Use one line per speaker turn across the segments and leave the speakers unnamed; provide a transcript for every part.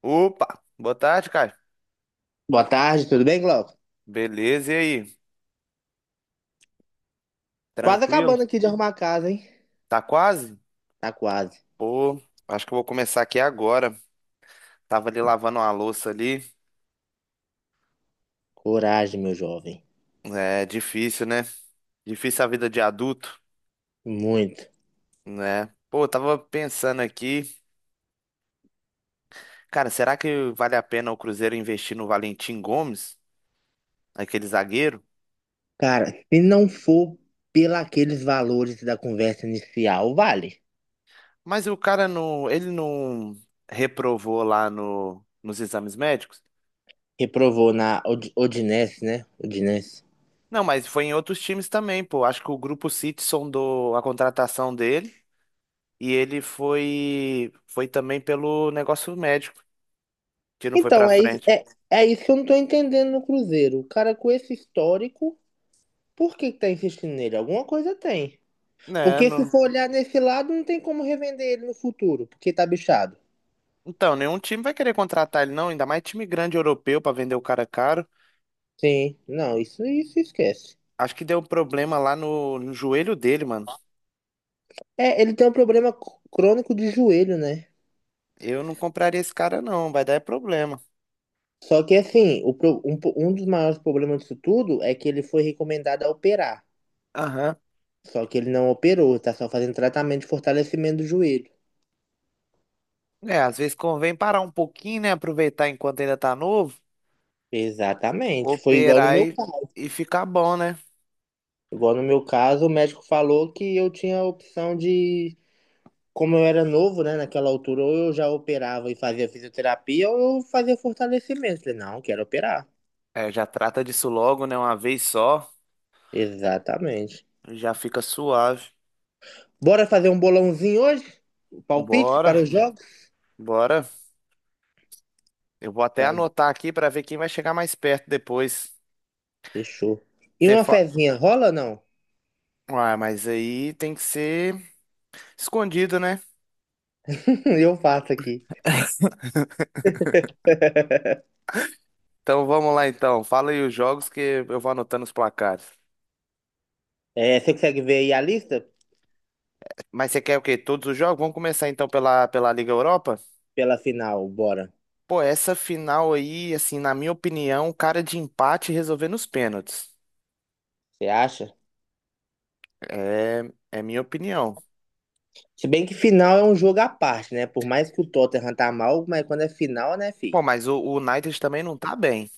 Opa, boa tarde, Caio.
Boa tarde, tudo bem, Glauco?
Beleza, e aí?
Quase
Tranquilo?
acabando aqui de arrumar a casa, hein?
Tá quase?
Tá quase.
Pô, acho que eu vou começar aqui agora. Tava ali lavando uma louça ali.
Coragem, meu jovem.
É difícil, né? Difícil a vida de adulto,
Muito.
né? Pô, eu tava pensando aqui, cara, será que vale a pena o Cruzeiro investir no Valentim Gomes, aquele zagueiro?
Cara, se não for pelaqueles valores da conversa inicial, vale.
Mas o cara não, ele não reprovou lá nos exames médicos?
Reprovou na Odinese, né? Odinese.
Não, mas foi em outros times também, pô. Acho que o Grupo City sondou a contratação dele. E ele foi também pelo negócio médico, que não foi pra
Então,
frente.
é isso que eu não tô entendendo no Cruzeiro. O cara com esse histórico, por que que tá insistindo nele? Alguma coisa tem.
Né,
Porque se
não.
for olhar nesse lado, não tem como revender ele no futuro, porque tá bichado.
Então, nenhum time vai querer contratar ele, não, ainda mais time grande europeu pra vender o cara caro.
Sim, não, isso esquece.
Acho que deu problema lá no joelho dele, mano.
É, ele tem um problema crônico de joelho, né?
Eu não compraria esse cara, não, vai dar é problema.
Só que assim, o pro- um, po- um dos maiores problemas disso tudo é que ele foi recomendado a operar.
Aham.
Só que ele não operou, tá só fazendo tratamento de fortalecimento do joelho.
É, às vezes convém parar um pouquinho, né? Aproveitar enquanto ainda tá novo,
Exatamente. Foi igual no
operar
meu caso.
e ficar bom, né?
Igual no meu caso, o médico falou que eu tinha a opção de, como eu era novo, né, naquela altura, ou eu já operava e fazia fisioterapia, ou eu fazia fortalecimento. Falei, não, quero operar.
É, já trata disso logo, né? Uma vez só,
Exatamente.
já fica suave.
Bora fazer um bolãozinho hoje? Palpites para
Bora,
os jogos?
bora. Eu vou até
Então,
anotar aqui pra ver quem vai chegar mais perto depois.
fechou. E
Você
uma
fa...
fezinha rola não?
Ah, mas aí tem que ser escondido, né?
Eu faço aqui.
Então vamos lá então. Fala aí os jogos que eu vou anotando os placares.
É, você consegue ver aí a lista
Mas você quer o quê? Todos os jogos? Vamos começar então pela Liga Europa?
pela final, bora.
Pô, essa final aí, assim, na minha opinião, cara de empate resolvendo os pênaltis.
Você acha?
É, é minha opinião.
Se bem que final é um jogo à parte, né? Por mais que o Tottenham tá mal, mas quando é final, né,
Pô,
filho.
mas o United também não tá bem.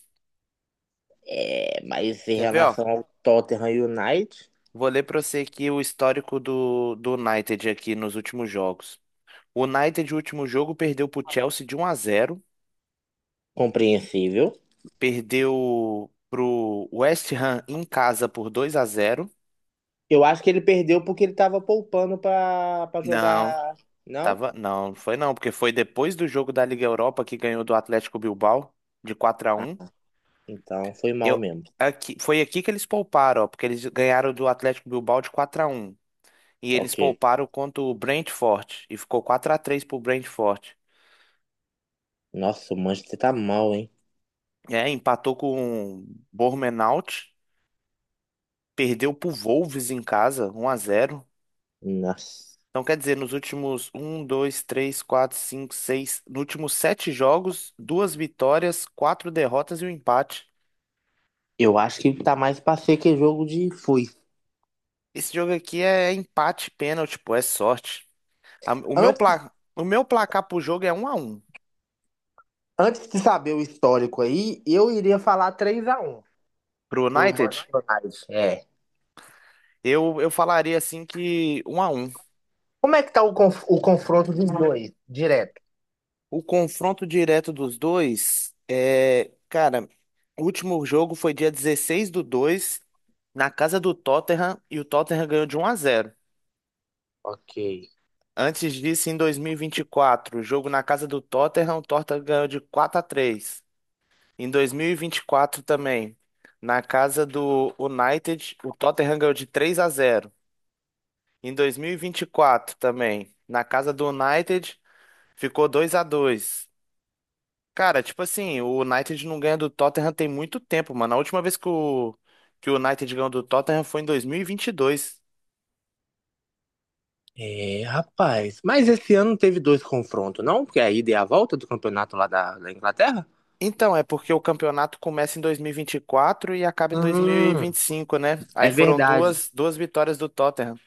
É, mas em
Quer ver,
relação
ó?
ao Tottenham United,
Vou ler pra você aqui o histórico do United aqui nos últimos jogos. O United, o último jogo, perdeu pro Chelsea de um a zero,
compreensível.
perdeu pro West Ham em casa por 2 a zero.
Eu acho que ele perdeu porque ele tava poupando pra
Não,
jogar. Não?
tava, não, não foi não, porque foi depois do jogo da Liga Europa que ganhou do Atlético Bilbao de 4 a
Ah,
um.
então foi mal
Eu
mesmo.
aqui, foi aqui que eles pouparam, ó, porque eles ganharam do Atlético Bilbao de 4 a um e eles
Ok.
pouparam contra o Brentford e ficou 4 a 3 pro Brentford.
Nossa, o Manchester tá mal, hein?
É, empatou com o Bournemouth, perdeu pro Wolves em casa, um a zero.
Nossa.
Então, quer dizer, nos últimos um, dois, três, quatro, cinco, seis, nos últimos sete jogos, duas vitórias, quatro derrotas e um empate.
Eu acho que tá mais pra ser que jogo de foice.
Esse jogo aqui é empate, pênalti, pô, é sorte. A- O meu,
Antes,
pla- o meu placar pro jogo é um a 1.
antes de saber o histórico aí, eu iria falar 3 a 1
Pro
pro
United,
Manchester United. É.
eu falaria assim que um a um.
Como é que tá o confronto dos dois, direto?
O confronto direto dos dois é, cara, o último jogo foi dia 16/2 na casa do Tottenham e o Tottenham ganhou de um a zero.
Ok.
Antes disso, em dois mil e vinte e quatro, jogo na casa do Tottenham, o Tottenham ganhou de 4 a 3. Em dois mil e vinte e quatro também, na casa do United, o Tottenham ganhou de 3 a zero. Em dois mil e vinte e quatro também, na casa do United, ficou 2 a 2. Cara, tipo assim, o United não ganha do Tottenham tem muito tempo, mano. A última vez que que o United ganhou do Tottenham foi em dois mil e vinte e dois.
É, rapaz. Mas esse ano não teve dois confrontos, não? Porque a ida e a volta do campeonato da Inglaterra?
Então, é porque o campeonato começa em dois mil e vinte e quatro e acaba em dois mil e
Hum,
vinte e cinco, né? Aí
é
foram
verdade.
duas vitórias do Tottenham.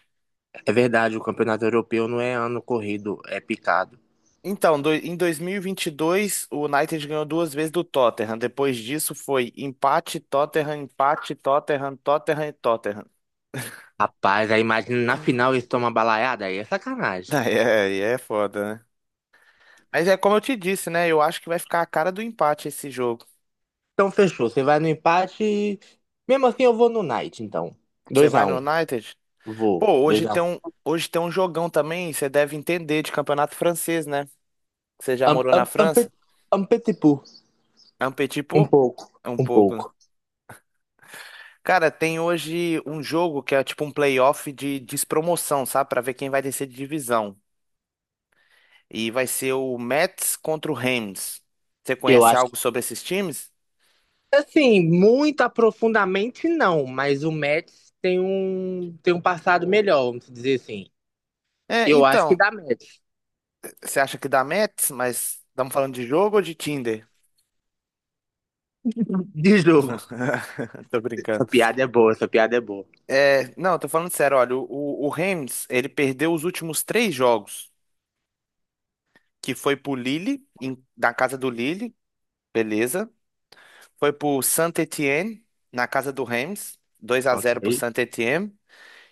É verdade, o campeonato europeu não é ano corrido, é picado.
Então, em 2022, o United ganhou duas vezes do Tottenham. Depois disso foi empate, Tottenham, Tottenham e Tottenham.
Rapaz, aí imagina na final eles tomam uma balaiada, aí é sacanagem.
Aí é foda, né? Mas é como eu te disse, né? Eu acho que vai ficar a cara do empate esse jogo.
Então fechou. Você vai no empate. Mesmo assim, eu vou no Knight, então.
Você
Dois
vai
a
no
um.
United?
Vou.
Pô,
2x1.
hoje tem um jogão também, você deve entender de campeonato francês, né? Você já
Um,
morou na
um, um, pe-
França?
Um petipu.
É um petit
Um
peu?
pouco.
É um
Um
pouco, né?
pouco.
Cara, tem hoje um jogo que é tipo um playoff de despromoção, sabe? Pra ver quem vai descer de divisão. E vai ser o Mets contra o Rams. Você
Eu
conhece
acho que.
algo sobre esses times?
Assim, muito aprofundamente não, mas o Mets tem um passado melhor, vamos dizer assim.
É,
Eu acho que
então,
dá Mets.
você acha que dá Mets, mas estamos falando de jogo ou de Tinder?
De jogo.
Tô brincando.
Essa piada é boa, essa piada é boa.
É, não, tô falando sério, olha, o Rams, ele perdeu os últimos três jogos, que foi pro Lille, na casa do Lille, beleza? Foi pro Saint-Étienne, na casa do Reims, 2 a 0 pro
Ok.
Saint-Étienne.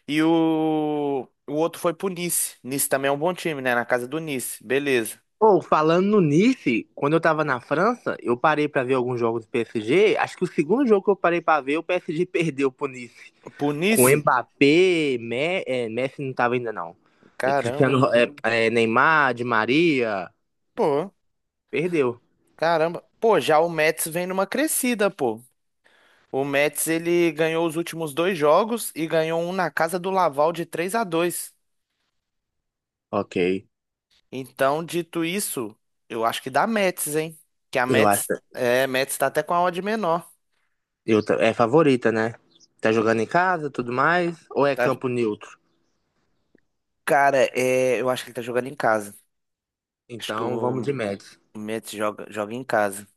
E o outro foi pro Nice. Nice também é um bom time, né? Na casa do Nice. Beleza.
Pô, falando no Nice, quando eu tava na França, eu parei pra ver alguns jogos do PSG. Acho que o segundo jogo que eu parei pra ver, o PSG perdeu pro Nice.
Pro
Com
Nice?
Mbappé, Messi não tava ainda não. E
Caramba.
Cristiano, Neymar, Di Maria,
Pô,
perdeu.
caramba. Pô, já o Metz vem numa crescida, pô. O Metz, ele ganhou os últimos dois jogos e ganhou um na casa do Laval de 3 a 2.
Ok.
Então, dito isso, eu acho que dá Metz, hein? Que a
Eu acho.
Metz, é, Metz tá até com a odd menor.
É favorita, né? Tá jogando em casa, tudo mais, ou é
Tá,
campo neutro?
cara, é, eu acho que ele tá jogando em casa. Acho que
Então vamos
o
de Mets.
Mets joga em casa.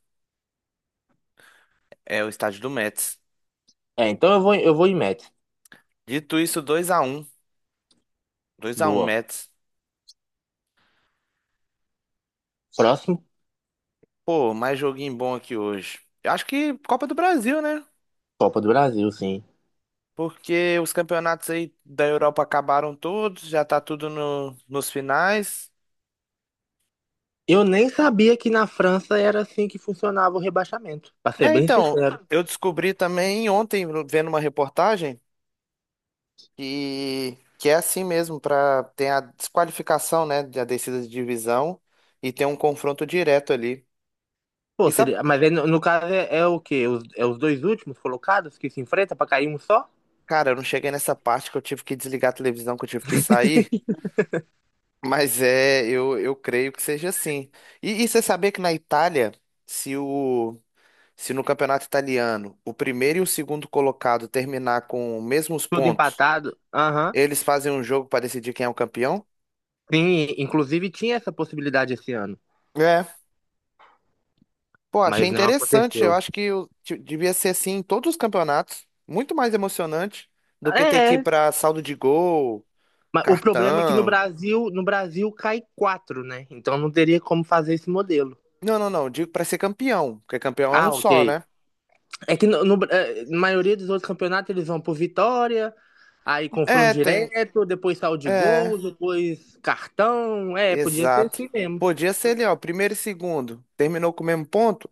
É o estádio do Mets.
É, então eu vou em Mets.
Dito isso, 2x1. 2x1,
Boa.
Mets.
Próximo,
Pô, mais joguinho bom aqui hoje. Eu acho que Copa do Brasil, né?
Copa do Brasil, sim.
Porque os campeonatos aí da Europa acabaram todos, já tá tudo nos finais.
Eu nem sabia que na França era assim que funcionava o rebaixamento, pra ser
É,
bem
então,
sincero.
eu descobri também ontem, vendo uma reportagem. E que é assim mesmo, para tem a desqualificação, né, da descida de divisão e tem um confronto direto ali.
Pô,
E sabe,
seria... Mas aí, no caso é, é o quê? Os, é os dois últimos colocados que se enfrentam pra cair um só?
cara, eu não cheguei nessa parte que eu tive que desligar a televisão, que eu tive que sair, mas é, eu creio que seja assim. E você sabia que na Itália, se o se no campeonato italiano o primeiro e o segundo colocado terminar com os mesmos
Tudo
pontos,
empatado. Aham.
eles fazem um jogo para decidir quem é o campeão?
Sim, inclusive tinha essa possibilidade esse ano,
É. Pô, achei
mas não
interessante. Eu
aconteceu.
acho que devia ser assim em todos os campeonatos. Muito mais emocionante do que ter que ir
É,
pra saldo de gol,
mas o problema é que no
cartão.
Brasil, no Brasil cai quatro, né? Então não teria como fazer esse modelo.
Não, não, não. Digo pra ser campeão, porque campeão é um
Ah,
só,
ok.
né?
É que é, na maioria dos outros campeonatos eles vão por vitória, aí confronto
É, tem.
direto, depois saldo de
É,
gols, depois cartão. É, podia ser
exato.
assim mesmo.
Podia ser ali, ó, primeiro e segundo. Terminou com o mesmo ponto?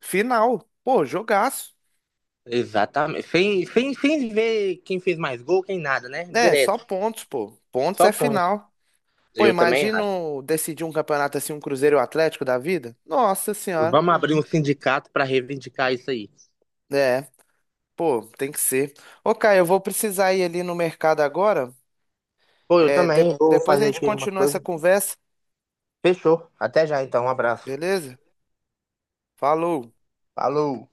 Final. Pô, jogaço.
Exatamente. Sem ver quem fez mais gol, quem nada, né?
É, só
Direto.
pontos, pô. Pontos
Só
é
ponto.
final. Pô,
Eu também
imagina
acho.
decidir um campeonato assim, um Cruzeiro e o Atlético da vida? Nossa Senhora.
Vamos abrir um sindicato para reivindicar isso aí.
É. Pô, tem que ser. Ô, Caio, eu vou precisar ir ali no mercado agora.
Pô, eu
É,
também vou
depois a
fazer
gente
aqui uma
continua essa
coisa.
conversa,
Fechou. Até já então. Um abraço.
beleza? Falou.
Falou.